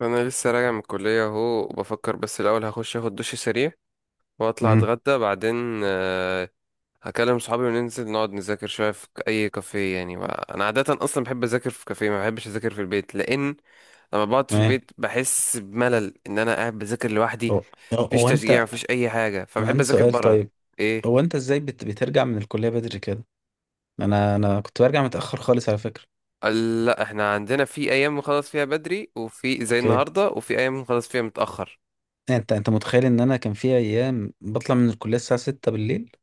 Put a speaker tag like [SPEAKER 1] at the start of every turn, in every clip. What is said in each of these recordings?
[SPEAKER 1] انا لسه راجع من الكليه اهو وبفكر، بس الاول هخش اخد دش سريع واطلع
[SPEAKER 2] امم.
[SPEAKER 1] اتغدى بعدين. آه، هكلم صحابي وننزل نقعد نذاكر شويه في اي كافيه يعني بقى. انا عاده اصلا بحب اذاكر في كافيه، ما بحبش اذاكر في البيت لان لما بقعد في
[SPEAKER 2] تمام.
[SPEAKER 1] البيت بحس بملل ان انا قاعد بذاكر لوحدي.
[SPEAKER 2] هو
[SPEAKER 1] مفيش
[SPEAKER 2] هو
[SPEAKER 1] تشجيع،
[SPEAKER 2] انت
[SPEAKER 1] مفيش اي حاجه،
[SPEAKER 2] انا
[SPEAKER 1] فبحب
[SPEAKER 2] عندي
[SPEAKER 1] اذاكر
[SPEAKER 2] سؤال،
[SPEAKER 1] بره.
[SPEAKER 2] طيب.
[SPEAKER 1] ايه؟
[SPEAKER 2] هو انت ازاي بترجع من الكليه بدري كده؟ انا كنت برجع متاخر خالص على فكره.
[SPEAKER 1] قال لا، احنا عندنا في ايام نخلص فيها بدري، وفي زي
[SPEAKER 2] اوكي.
[SPEAKER 1] النهارده، وفي ايام نخلص فيها متاخر.
[SPEAKER 2] انت متخيل ان انا كان في ايام بطلع من الكليه الساعه 6 بالليل؟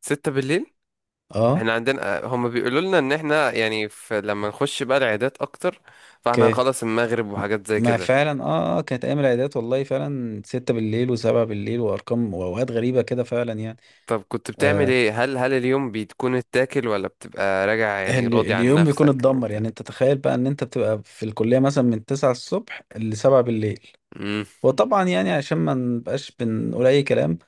[SPEAKER 1] 6 بالليل؟
[SPEAKER 2] اه.
[SPEAKER 1] احنا عندنا هم بيقولوا لنا ان احنا يعني في لما نخش بقى العيادات اكتر، فاحنا
[SPEAKER 2] اوكي.
[SPEAKER 1] هنخلص المغرب
[SPEAKER 2] ما
[SPEAKER 1] وحاجات زي
[SPEAKER 2] ما
[SPEAKER 1] كده.
[SPEAKER 2] فعلا، كانت ايام العيادات والله فعلا 6 بالليل و7 بالليل وارقام واوقات غريبه كده فعلا يعني.
[SPEAKER 1] طب كنت بتعمل
[SPEAKER 2] آه
[SPEAKER 1] ايه؟ هل اليوم بتكون اتاكل ولا بتبقى راجع يعني راضي عن
[SPEAKER 2] اليوم بيكون
[SPEAKER 1] نفسك ان
[SPEAKER 2] اتدمر،
[SPEAKER 1] انت؟
[SPEAKER 2] يعني انت تخيل بقى ان انت بتبقى في الكليه مثلا من 9 الصبح ل 7 بالليل.
[SPEAKER 1] مم.
[SPEAKER 2] وطبعا يعني عشان ما نبقاش بنقول اي كلام،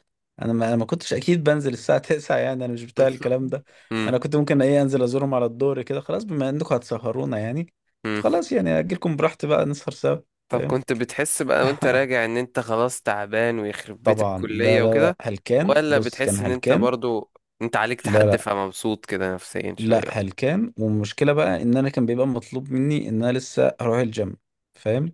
[SPEAKER 2] انا ما, أنا ما كنتش اكيد بنزل الساعه 9، يعني انا مش بتاع الكلام ده.
[SPEAKER 1] مم.
[SPEAKER 2] انا كنت ممكن ايه انزل ازورهم على الدور كده، خلاص بما انكم هتسهرونا يعني.
[SPEAKER 1] مم.
[SPEAKER 2] فخلاص، يعني اجيلكم براحتي بقى نسهر سوا.
[SPEAKER 1] طب
[SPEAKER 2] فاهم.
[SPEAKER 1] كنت بتحس بقى وانت راجع ان انت خلاص تعبان ويخرب بيت
[SPEAKER 2] طبعا لا
[SPEAKER 1] الكلية
[SPEAKER 2] لا لا،
[SPEAKER 1] وكده؟
[SPEAKER 2] هلكان،
[SPEAKER 1] ولا
[SPEAKER 2] بص كان
[SPEAKER 1] بتحس ان انت
[SPEAKER 2] هلكان.
[SPEAKER 1] برضو انت عليك
[SPEAKER 2] لا
[SPEAKER 1] تحدي
[SPEAKER 2] لا
[SPEAKER 1] فمبسوط كده نفسيا شوية
[SPEAKER 2] لا
[SPEAKER 1] ولا إيه؟
[SPEAKER 2] هلكان. والمشكله بقى ان انا كان بيبقى مطلوب مني ان انا لسه هروح الجيم. فاهم.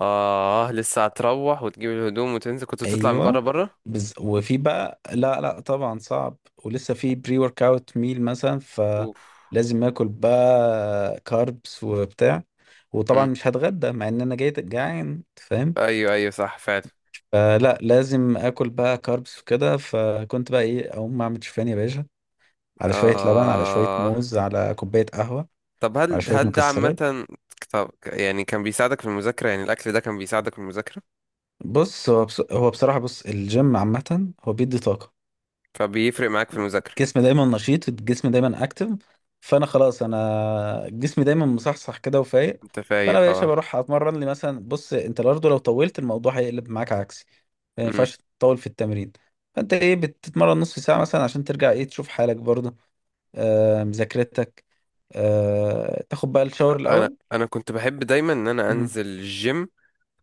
[SPEAKER 1] اه، لسه هتروح وتجيب الهدوم وتنزل، كنت بتطلع من بره
[SPEAKER 2] ايوه.
[SPEAKER 1] بره؟
[SPEAKER 2] وفي بقى لا لا طبعا صعب. ولسه في بري ورك اوت ميل مثلا،
[SPEAKER 1] اوف.
[SPEAKER 2] فلازم اكل بقى كاربس وبتاع. وطبعا مش هتغدى مع ان انا جاي جعان، فاهم.
[SPEAKER 1] ايوه، ايوه، صح فعلا.
[SPEAKER 2] فلا لازم اكل بقى كاربس وكده، فكنت بقى ايه اقوم اعمل شوفان يا باشا، على شويه لبن، على شويه
[SPEAKER 1] آه.
[SPEAKER 2] موز، على كوبايه قهوه،
[SPEAKER 1] طب
[SPEAKER 2] على
[SPEAKER 1] هل
[SPEAKER 2] شويه
[SPEAKER 1] هل ده
[SPEAKER 2] مكسرات.
[SPEAKER 1] عامة؟ طب يعني كان بيساعدك في المذاكرة، يعني الأكل ده كان بيساعدك في المذاكرة،
[SPEAKER 2] هو بصراحه، بص، الجيم عامه هو بيدي طاقه.
[SPEAKER 1] فبيفرق معاك في المذاكرة؟
[SPEAKER 2] جسمي دايما نشيط، الجسم دايما اكتف. فانا خلاص انا جسمي دايما مصحصح كده وفايق.
[SPEAKER 1] انت فايق،
[SPEAKER 2] فانا يا باشا
[SPEAKER 1] اه.
[SPEAKER 2] بروح اتمرن لي مثلا، بص انت برضه لو طولت الموضوع هيقلب معاك عكسي. ما
[SPEAKER 1] مم.
[SPEAKER 2] ينفعش تطول في التمرين. فانت ايه، بتتمرن نص ساعه مثلا عشان ترجع ايه تشوف حالك برضه. مذاكرتك. تاخد بقى الشاور
[SPEAKER 1] انا
[SPEAKER 2] الاول.
[SPEAKER 1] انا كنت بحب دايما ان انا
[SPEAKER 2] مم.
[SPEAKER 1] انزل الجيم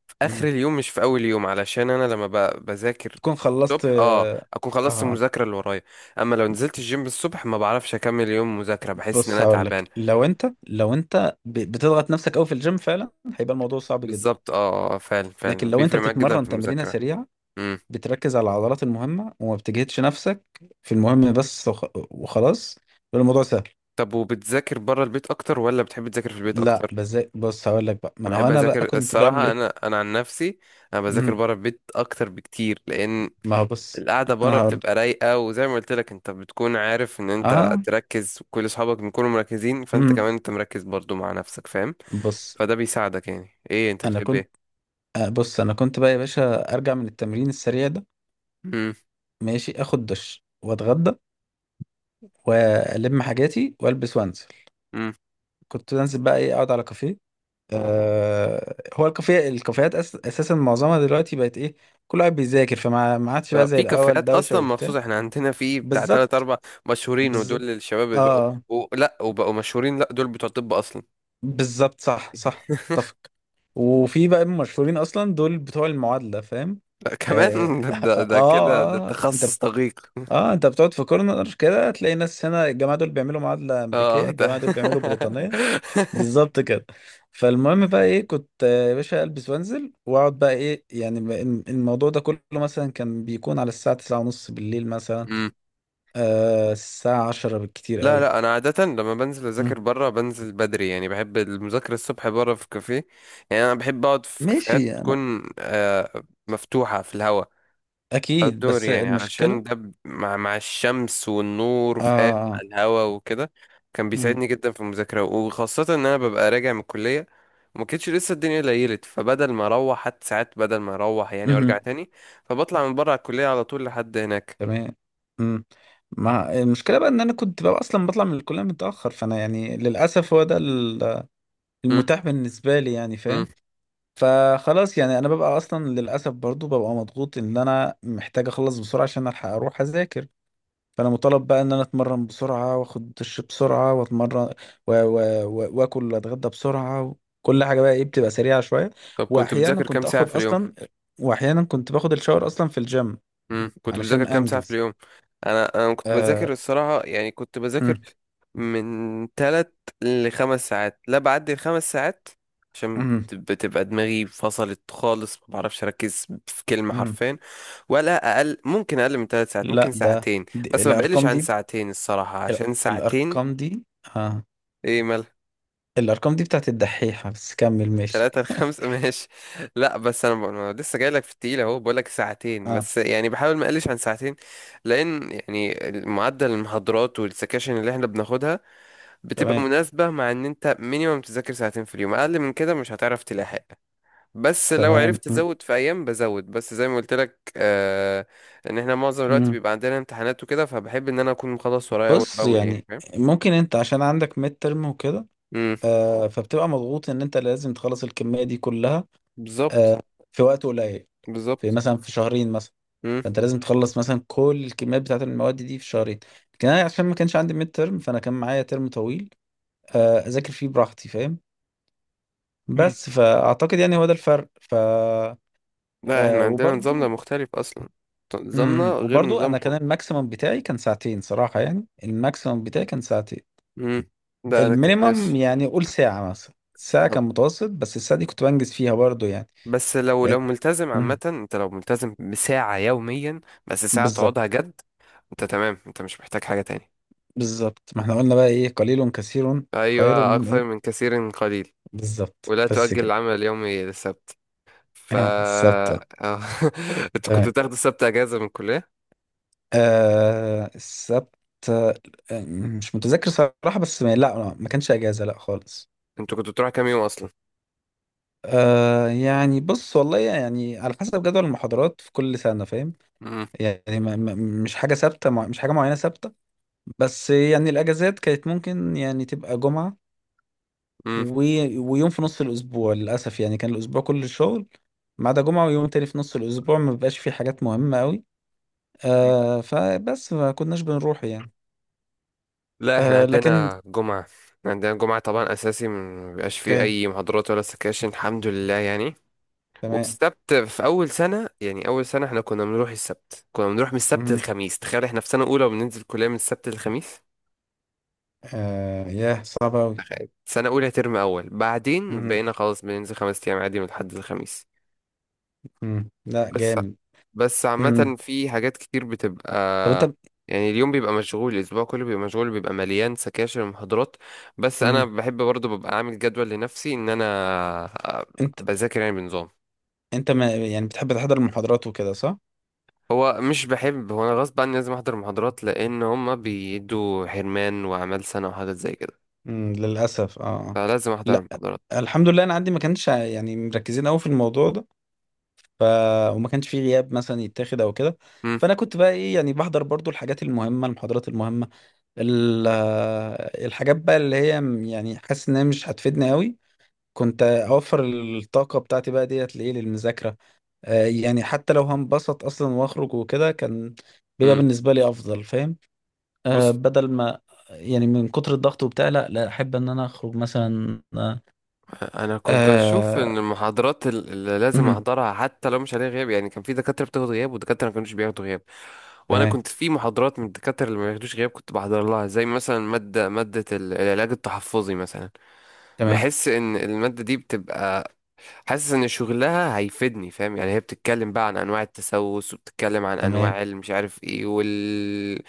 [SPEAKER 1] في اخر
[SPEAKER 2] مم.
[SPEAKER 1] اليوم مش في اول يوم، علشان انا لما بذاكر
[SPEAKER 2] تكون خلصت،
[SPEAKER 1] الصبح
[SPEAKER 2] اه.
[SPEAKER 1] اكون خلصت
[SPEAKER 2] آه.
[SPEAKER 1] المذاكرة اللي ورايا. اما لو نزلت الجيم الصبح ما بعرفش اكمل يوم مذاكرة، بحس ان
[SPEAKER 2] بص
[SPEAKER 1] انا
[SPEAKER 2] هقول
[SPEAKER 1] تعبان.
[SPEAKER 2] لك، لو انت بتضغط نفسك قوي في الجيم فعلا هيبقى الموضوع صعب جدا.
[SPEAKER 1] بالظبط، اه، آه، فعلا
[SPEAKER 2] لكن
[SPEAKER 1] فعلا
[SPEAKER 2] لو انت
[SPEAKER 1] بيفرق معاك جدا
[SPEAKER 2] بتتمرن
[SPEAKER 1] في
[SPEAKER 2] تمرينة
[SPEAKER 1] المذاكرة.
[SPEAKER 2] سريعة،
[SPEAKER 1] امم.
[SPEAKER 2] بتركز على العضلات المهمة وما بتجهدش نفسك في المهم بس وخلاص، يبقى الموضوع سهل.
[SPEAKER 1] طب وبتذاكر بره البيت اكتر ولا بتحب تذاكر في البيت
[SPEAKER 2] لا
[SPEAKER 1] اكتر؟
[SPEAKER 2] بس بص هقول لك بقى، ما
[SPEAKER 1] انا
[SPEAKER 2] انا هو
[SPEAKER 1] بحب
[SPEAKER 2] انا بقى
[SPEAKER 1] اذاكر
[SPEAKER 2] كنت بعمل
[SPEAKER 1] الصراحه، انا
[SPEAKER 2] ايه.
[SPEAKER 1] انا عن نفسي انا بذاكر
[SPEAKER 2] امم
[SPEAKER 1] بره البيت اكتر بكتير، لان
[SPEAKER 2] ما هو بص،
[SPEAKER 1] القعده
[SPEAKER 2] انا
[SPEAKER 1] بره
[SPEAKER 2] هقول لك.
[SPEAKER 1] بتبقى رايقه، وزي ما قلت لك انت بتكون عارف ان انت
[SPEAKER 2] اه
[SPEAKER 1] تركز، وكل اصحابك بيكونوا مركزين، فانت
[SPEAKER 2] امم
[SPEAKER 1] كمان انت مركز برضو مع نفسك، فاهم.
[SPEAKER 2] بص.
[SPEAKER 1] فده بيساعدك، يعني ايه انت
[SPEAKER 2] انا
[SPEAKER 1] بتحب؟
[SPEAKER 2] كنت
[SPEAKER 1] ايه؟
[SPEAKER 2] آه بص انا كنت بقى يا باشا، ارجع من التمرين السريع ده،
[SPEAKER 1] امم،
[SPEAKER 2] ماشي اخد دش واتغدى والم حاجاتي والبس وانزل.
[SPEAKER 1] امم.
[SPEAKER 2] كنت انزل بقى ايه اقعد على كافيه. هو الكافيهات اساسا معظمها دلوقتي بقت ايه، كل واحد بيذاكر، فما ما عادش بقى زي
[SPEAKER 1] في
[SPEAKER 2] الاول
[SPEAKER 1] كافيهات
[SPEAKER 2] دوشه
[SPEAKER 1] اصلا مخصوص،
[SPEAKER 2] وبتاع.
[SPEAKER 1] احنا عندنا في بتاع تلات
[SPEAKER 2] بالظبط.
[SPEAKER 1] اربع مشهورين،
[SPEAKER 2] بالظبط
[SPEAKER 1] ودول الشباب
[SPEAKER 2] اه.
[SPEAKER 1] لا، وبقوا مشهورين؟ لا، دول بتوع طب اصلا.
[SPEAKER 2] بالظبط صح صح. اتفق. وفي بقى المشهورين اصلا دول بتوع المعادله، فاهم.
[SPEAKER 1] لا كمان.
[SPEAKER 2] اه
[SPEAKER 1] ده
[SPEAKER 2] اه,
[SPEAKER 1] ده كده ده
[SPEAKER 2] آه آه، انت
[SPEAKER 1] تخصص
[SPEAKER 2] بت-
[SPEAKER 1] دقيق.
[SPEAKER 2] اه انت بتقعد في كورنر كده تلاقي ناس هنا، الجماعه دول بيعملوا معادله امريكيه،
[SPEAKER 1] اه، ده.
[SPEAKER 2] الجماعه دول بيعملوا بريطانيه. بالظبط كده. فالمهم بقى ايه، كنت يا باشا البس وانزل واقعد بقى ايه، يعني الموضوع ده كله مثلا كان بيكون على الساعه 9 ونص بالليل مثلا.
[SPEAKER 1] مم.
[SPEAKER 2] الساعه 10 بالكتير
[SPEAKER 1] لا
[SPEAKER 2] قوي.
[SPEAKER 1] لا، انا عاده لما بنزل اذاكر
[SPEAKER 2] مم.
[SPEAKER 1] بره بنزل بدري، يعني بحب المذاكره الصبح بره في كافيه. يعني انا بحب اقعد في كافيهات
[SPEAKER 2] ماشي انا،
[SPEAKER 1] تكون مفتوحه في الهواء،
[SPEAKER 2] اكيد،
[SPEAKER 1] outdoor،
[SPEAKER 2] بس
[SPEAKER 1] يعني
[SPEAKER 2] المشكله.
[SPEAKER 1] علشان ده مع الشمس والنور، فاهم، مع
[SPEAKER 2] اه.
[SPEAKER 1] الهوا وكده، كان
[SPEAKER 2] مم.
[SPEAKER 1] بيساعدني جدا في المذاكرة، وخاصة ان انا ببقى راجع من الكلية. ما كانتش لسه الدنيا ليلت، فبدل ما اروح حتى ساعات، بدل ما اروح يعني وارجع
[SPEAKER 2] مم.
[SPEAKER 1] تاني، فبطلع من بره على الكلية على طول لحد هناك.
[SPEAKER 2] تمام. مم. ما المشكله بقى ان انا كنت بقى اصلا بطلع من الكليه متاخر، فانا يعني للاسف هو ده
[SPEAKER 1] م-
[SPEAKER 2] المتاح بالنسبه لي، يعني
[SPEAKER 1] م.
[SPEAKER 2] فاهم. فخلاص، يعني انا ببقى اصلا للاسف برضو ببقى مضغوط ان انا محتاج اخلص بسرعه عشان الحق اروح اذاكر. فانا مطالب بقى ان انا اتمرن بسرعه، واخد دش بسرعه، واتمرن و... و... واكل واتغدى بسرعه. كل حاجه بقى ايه بتبقى سريعه شويه.
[SPEAKER 1] طب كنت
[SPEAKER 2] واحيانا
[SPEAKER 1] بتذاكر كام
[SPEAKER 2] كنت
[SPEAKER 1] ساعة
[SPEAKER 2] اخد
[SPEAKER 1] في اليوم؟
[SPEAKER 2] اصلا، واحيانا كنت باخد الشاور اصلا في الجيم
[SPEAKER 1] مم. كنت بذاكر
[SPEAKER 2] علشان
[SPEAKER 1] كام ساعة في
[SPEAKER 2] انجز.
[SPEAKER 1] اليوم؟ انا كنت
[SPEAKER 2] آه...
[SPEAKER 1] بذاكر الصراحة، يعني كنت بذاكر
[SPEAKER 2] مم،
[SPEAKER 1] من 3 لـ5 ساعات، لا، بعدي الخمس ساعات، عشان
[SPEAKER 2] مم،
[SPEAKER 1] بتبقى دماغي فصلت خالص، ما بعرفش اركز في كلمة
[SPEAKER 2] مم.
[SPEAKER 1] حرفين. ولا اقل، ممكن اقل من 3 ساعات، ممكن
[SPEAKER 2] لا، ده
[SPEAKER 1] ساعتين، بس ما بقلش
[SPEAKER 2] الارقام
[SPEAKER 1] عن
[SPEAKER 2] دي.
[SPEAKER 1] ساعتين الصراحة،
[SPEAKER 2] ال-
[SPEAKER 1] عشان
[SPEAKER 2] الارقام
[SPEAKER 1] ساعتين.
[SPEAKER 2] دي. آه.
[SPEAKER 1] ايه؟
[SPEAKER 2] الارقام دي بتاعت الدحيحه، بس كمل ماشي.
[SPEAKER 1] 3 لـ5. ماشي. لا بس أنا لسه جاي لك في التقيل اهو، بقول لك ساعتين
[SPEAKER 2] آه.
[SPEAKER 1] بس، يعني بحاول ما اقلش عن ساعتين، لان يعني معدل المحاضرات والسكاشن اللي احنا بناخدها بتبقى
[SPEAKER 2] تمام
[SPEAKER 1] مناسبة، مع ان انت مينيمم تذاكر ساعتين في اليوم، اقل من كده مش هتعرف تلاحق. بس لو
[SPEAKER 2] تمام،
[SPEAKER 1] عرفت تزود في ايام بزود، بس زي ما قلت لك، آه، ان احنا معظم الوقت
[SPEAKER 2] م.
[SPEAKER 1] بيبقى عندنا امتحانات وكده، فبحب ان انا اكون مخلص ورايا اول
[SPEAKER 2] بص
[SPEAKER 1] باول يعني،
[SPEAKER 2] يعني،
[SPEAKER 1] فاهم.
[SPEAKER 2] ممكن انت عشان عندك ميد ترم وكده.
[SPEAKER 1] امم.
[SPEAKER 2] فبتبقى مضغوط ان انت لازم تخلص الكمية دي كلها.
[SPEAKER 1] بالظبط،
[SPEAKER 2] آه في وقت قليل، في
[SPEAKER 1] بالظبط.
[SPEAKER 2] مثلا في شهرين مثلا.
[SPEAKER 1] امم.
[SPEAKER 2] فانت لازم تخلص مثلا كل الكميات بتاعت المواد دي في شهرين. لكن انا عشان ما كانش عندي ميد ترم فانا كان معايا ترم طويل، اذاكر فيه براحتي فاهم. بس فاعتقد يعني هو ده الفرق،
[SPEAKER 1] لا، احنا عندنا نظامنا
[SPEAKER 2] وبرضو.
[SPEAKER 1] مختلف اصلا، نظامنا غير
[SPEAKER 2] وبرضو انا
[SPEAKER 1] نظامكم.
[SPEAKER 2] كان الماكسيمم بتاعي كان ساعتين صراحة، يعني الماكسيمم بتاعي كان ساعتين.
[SPEAKER 1] امم. ده انا
[SPEAKER 2] المينيمم
[SPEAKER 1] ماشي.
[SPEAKER 2] يعني قول ساعة، مثلا ساعة
[SPEAKER 1] طب
[SPEAKER 2] كان متوسط، بس الساعة دي كنت بنجز فيها برضو يعني.
[SPEAKER 1] بس لو
[SPEAKER 2] لقيت.
[SPEAKER 1] ملتزم عامة،
[SPEAKER 2] مم.
[SPEAKER 1] انت لو ملتزم بساعة يوميا، بس ساعة
[SPEAKER 2] بالظبط.
[SPEAKER 1] تقعدها جد، انت تمام، انت مش محتاج حاجة تاني.
[SPEAKER 2] بالظبط، ما احنا قلنا بقى ايه، قليل كثير خير
[SPEAKER 1] ايوه،
[SPEAKER 2] من
[SPEAKER 1] اكثر
[SPEAKER 2] ايه.
[SPEAKER 1] من كثير قليل.
[SPEAKER 2] بالظبط،
[SPEAKER 1] ولا
[SPEAKER 2] بس
[SPEAKER 1] تؤجل
[SPEAKER 2] كده.
[SPEAKER 1] العمل اليومي للسبت. ف
[SPEAKER 2] آه السبت.
[SPEAKER 1] أه. انتوا كنتوا
[SPEAKER 2] تمام.
[SPEAKER 1] بتاخدوا السبت اجازة من الكلية؟
[SPEAKER 2] آه السبت. آه مش متذكر صراحة، بس ما لا ما كانش اجازة لا خالص.
[SPEAKER 1] انتوا كنتوا بتروحوا كام يوم اصلا؟
[SPEAKER 2] يعني بص والله يعني على حسب جدول المحاضرات في كل سنة فاهم. يعني مش حاجة ثابتة، مش حاجة معينة ثابتة. بس يعني الأجازات كانت ممكن يعني تبقى جمعة
[SPEAKER 1] امم.
[SPEAKER 2] و... ويوم في نص الأسبوع، للأسف يعني كان الأسبوع كله شغل ما عدا جمعة ويوم تاني في نص الأسبوع ما بيبقاش فيه حاجات مهمة أوي. فبس ما كناش بنروح يعني.
[SPEAKER 1] لا، احنا
[SPEAKER 2] لكن.
[SPEAKER 1] عندنا جمعة. إحنا عندنا جمعة طبعا أساسي، ما بيبقاش فيه
[SPEAKER 2] اوكي،
[SPEAKER 1] أي محاضرات ولا سكاشن، الحمد لله يعني.
[SPEAKER 2] تمام.
[SPEAKER 1] والسبت في أول سنة، يعني أول سنة احنا كنا بنروح السبت، كنا بنروح من السبت
[SPEAKER 2] مهم.
[SPEAKER 1] للخميس، تخيل احنا في سنة أولى وبننزل كلية من السبت للخميس.
[SPEAKER 2] آه ياه، صعب أوي.
[SPEAKER 1] تخيل سنة أولى ترم أول، بعدين
[SPEAKER 2] مهم.
[SPEAKER 1] بقينا خلاص بننزل 5 أيام عادي من الحد للخميس.
[SPEAKER 2] مهم. لا جامد.
[SPEAKER 1] بس
[SPEAKER 2] مهم.
[SPEAKER 1] عامة في حاجات كتير بتبقى،
[SPEAKER 2] طب أنت
[SPEAKER 1] يعني اليوم بيبقى مشغول، الأسبوع كله بيبقى مشغول، بيبقى مليان سكاشن ومحاضرات. بس أنا
[SPEAKER 2] مهم.
[SPEAKER 1] بحب برضه ببقى عامل جدول لنفسي إن أنا
[SPEAKER 2] أنت
[SPEAKER 1] بذاكر يعني بنظام.
[SPEAKER 2] أنت ما يعني بتحب تحضر المحاضرات وكده، صح؟
[SPEAKER 1] هو مش بحب، هو أنا غصب عني لازم أحضر محاضرات، لأن هما بيدوا حرمان وأعمال سنة وحاجات زي كده،
[SPEAKER 2] مم، للأسف.
[SPEAKER 1] فلازم أحضر
[SPEAKER 2] لا،
[SPEAKER 1] المحاضرات.
[SPEAKER 2] الحمد لله، أنا عندي ما كانش يعني مركزين أوي في الموضوع ده، ف وما كانش فيه غياب مثلا يتاخد او كده.
[SPEAKER 1] مم،
[SPEAKER 2] فانا كنت بقى ايه، يعني بحضر برضو الحاجات المهمه، المحاضرات المهمه الحاجات بقى اللي هي يعني حاسس ان هي مش هتفيدني قوي، كنت اوفر الطاقه بتاعتي بقى ديت لايه للمذاكره. يعني حتى لو هنبسط اصلا واخرج وكده، كان بيبقى
[SPEAKER 1] مم.
[SPEAKER 2] بالنسبه لي افضل، فاهم.
[SPEAKER 1] بص،
[SPEAKER 2] بدل ما، يعني من كتر الضغط وبتاع، لا لا احب ان انا اخرج مثلا.
[SPEAKER 1] انا كنت اشوف
[SPEAKER 2] آه،
[SPEAKER 1] ان المحاضرات اللي لازم احضرها حتى لو مش عليها غياب، يعني كان في دكاتره بتاخد غياب ودكاتره ما كانوش بياخدوا غياب. وانا
[SPEAKER 2] تمام
[SPEAKER 1] كنت في محاضرات من الدكاتره اللي ما بياخدوش غياب كنت بحضر لها، زي مثلا ماده العلاج التحفظي مثلا.
[SPEAKER 2] تمام
[SPEAKER 1] بحس ان الماده دي بتبقى، حاسس ان شغلها هيفيدني، فاهم؟ يعني هي بتتكلم بقى عن انواع التسوس، وبتتكلم عن
[SPEAKER 2] تمام.
[SPEAKER 1] انواع المش عارف ايه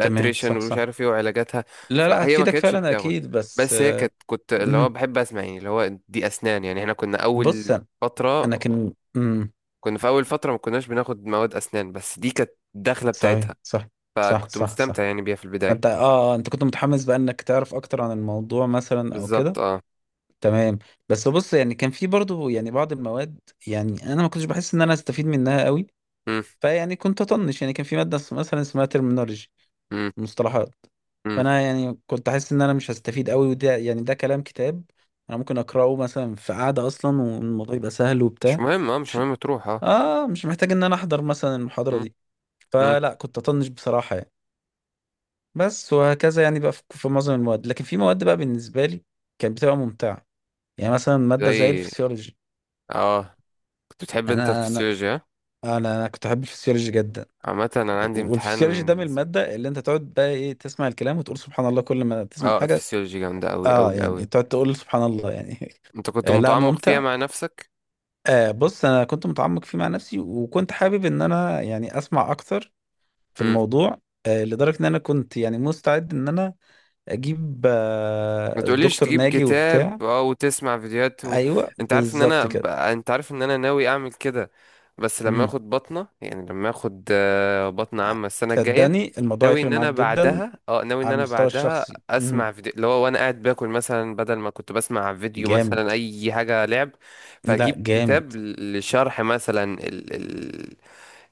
[SPEAKER 2] تمام، صح
[SPEAKER 1] ومش
[SPEAKER 2] صح.
[SPEAKER 1] عارف ايه وعلاجاتها.
[SPEAKER 2] لا لا
[SPEAKER 1] فهي ما
[SPEAKER 2] هتفيدك
[SPEAKER 1] كانتش
[SPEAKER 2] فعلا
[SPEAKER 1] بتاخد،
[SPEAKER 2] اكيد، بس.
[SPEAKER 1] بس هي كانت كنت اللي هو
[SPEAKER 2] مم.
[SPEAKER 1] بحب اسمع، يعني اللي هو دي اسنان، يعني احنا كنا
[SPEAKER 2] بص
[SPEAKER 1] اول
[SPEAKER 2] انا
[SPEAKER 1] فترة،
[SPEAKER 2] أنا كان. مم.
[SPEAKER 1] كنا في اول فترة ما كناش بناخد مواد اسنان، بس دي كانت الدخلة
[SPEAKER 2] صحيح،
[SPEAKER 1] بتاعتها،
[SPEAKER 2] صح صح
[SPEAKER 1] فكنت
[SPEAKER 2] صح صح.
[SPEAKER 1] مستمتع يعني بيها في البداية.
[SPEAKER 2] فانت، اه. انت كنت متحمس بقى انك تعرف اكتر عن الموضوع مثلا او كده.
[SPEAKER 1] بالظبط، اه.
[SPEAKER 2] تمام. بس بص يعني كان في برضو يعني بعض المواد، يعني انا ما كنتش بحس ان انا استفيد منها قوي،
[SPEAKER 1] مم،
[SPEAKER 2] فيعني كنت اطنش. يعني كان في ماده مثلا اسمها ترمينولوجي،
[SPEAKER 1] مم،
[SPEAKER 2] مصطلحات.
[SPEAKER 1] مم.
[SPEAKER 2] فانا يعني كنت حاسس ان انا مش هستفيد قوي، وده يعني ده كلام كتاب انا ممكن اقراه مثلا في قعده اصلا، والموضوع يبقى سهل
[SPEAKER 1] مش
[SPEAKER 2] وبتاع.
[SPEAKER 1] مهم، اه، مش مهم تروح، اه.
[SPEAKER 2] اه، مش محتاج ان انا احضر مثلا المحاضرة
[SPEAKER 1] مم،
[SPEAKER 2] دي.
[SPEAKER 1] مم.
[SPEAKER 2] فلا كنت اطنش بصراحة يعني. بس وهكذا يعني بقى في معظم المواد، لكن في مواد بقى بالنسبة لي كانت بتبقى ممتعة، يعني مثلا مادة زي
[SPEAKER 1] زي،
[SPEAKER 2] الفسيولوجي.
[SPEAKER 1] اه. كنت بتحب
[SPEAKER 2] يعني
[SPEAKER 1] انت
[SPEAKER 2] انا انا
[SPEAKER 1] الفسيولوجي، ها؟
[SPEAKER 2] انا أنا كنت احب الفسيولوجي جدا.
[SPEAKER 1] عامة انا
[SPEAKER 2] وال-
[SPEAKER 1] عندي
[SPEAKER 2] والفسيولوجي ده من
[SPEAKER 1] امتحان.
[SPEAKER 2] المادة اللي انت تقعد بقى ايه تسمع الكلام وتقول سبحان الله كل ما تسمع
[SPEAKER 1] اه،
[SPEAKER 2] حاجة.
[SPEAKER 1] فسيولوجي جامدة اوي
[SPEAKER 2] اه،
[SPEAKER 1] اوي
[SPEAKER 2] يعني
[SPEAKER 1] اوي.
[SPEAKER 2] تقعد تقول سبحان الله يعني.
[SPEAKER 1] انت كنت
[SPEAKER 2] آه لا،
[SPEAKER 1] متعمق فيها
[SPEAKER 2] ممتع.
[SPEAKER 1] مع نفسك؟
[SPEAKER 2] آه بص انا كنت متعمق فيه مع نفسي، وكنت حابب ان انا يعني اسمع اكتر في
[SPEAKER 1] امم.
[SPEAKER 2] الموضوع، لدرجة ان انا كنت يعني مستعد ان انا اجيب
[SPEAKER 1] ما تقوليش
[SPEAKER 2] الدكتور
[SPEAKER 1] تجيب
[SPEAKER 2] ناجي
[SPEAKER 1] كتاب
[SPEAKER 2] وبتاع.
[SPEAKER 1] وتسمع فيديوهات.
[SPEAKER 2] ايوه، بالظبط كده.
[SPEAKER 1] انت عارف ان انا ناوي اعمل كده، بس لما
[SPEAKER 2] مهم.
[SPEAKER 1] اخد بطنة، يعني لما اخد بطنة، عامة السنة الجاية.
[SPEAKER 2] صدقني الموضوع يفرق معاك جدا
[SPEAKER 1] ناوي ان
[SPEAKER 2] على
[SPEAKER 1] انا
[SPEAKER 2] المستوى
[SPEAKER 1] بعدها
[SPEAKER 2] الشخصي. مهم.
[SPEAKER 1] اسمع فيديو، اللي هو وانا قاعد باكل مثلا، بدل ما كنت بسمع فيديو
[SPEAKER 2] جامد.
[SPEAKER 1] مثلا اي حاجة لعب،
[SPEAKER 2] لا
[SPEAKER 1] فاجيب
[SPEAKER 2] جامد.
[SPEAKER 1] كتاب لشرح مثلا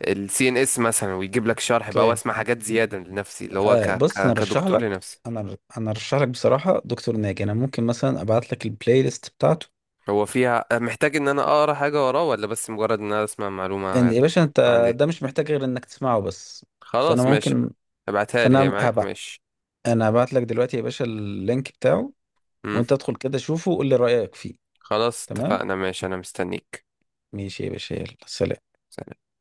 [SPEAKER 1] الـCNS مثلا، ويجيب لك شرح بقى،
[SPEAKER 2] اوكي.
[SPEAKER 1] واسمع حاجات زياده لنفسي، اللي هو
[SPEAKER 2] بص،
[SPEAKER 1] كدكتور لنفسي.
[SPEAKER 2] انا ارشح لك بصراحة دكتور ناجي، انا ممكن مثلا ابعت لك البلاي ليست بتاعته.
[SPEAKER 1] هو فيها محتاج ان انا اقرا حاجه وراه، ولا بس مجرد ان انا اسمع معلومه
[SPEAKER 2] يعني يا باشا انت،
[SPEAKER 1] تبقى عندي؟
[SPEAKER 2] ده مش محتاج غير انك تسمعه بس. فانا
[SPEAKER 1] خلاص، ماشي.
[SPEAKER 2] ممكن
[SPEAKER 1] ابعتها لي، هي
[SPEAKER 2] فانا
[SPEAKER 1] معاك؟
[SPEAKER 2] هبع...
[SPEAKER 1] ماشي.
[SPEAKER 2] انا هبعت لك دلوقتي يا باشا اللينك بتاعه،
[SPEAKER 1] امم.
[SPEAKER 2] وانت ادخل كده شوفه وقول لي رأيك فيه.
[SPEAKER 1] خلاص،
[SPEAKER 2] تمام.
[SPEAKER 1] اتفقنا ماشي، انا مستنيك.
[SPEAKER 2] ماشي يا باشا، يلا سلام.
[SPEAKER 1] سلام.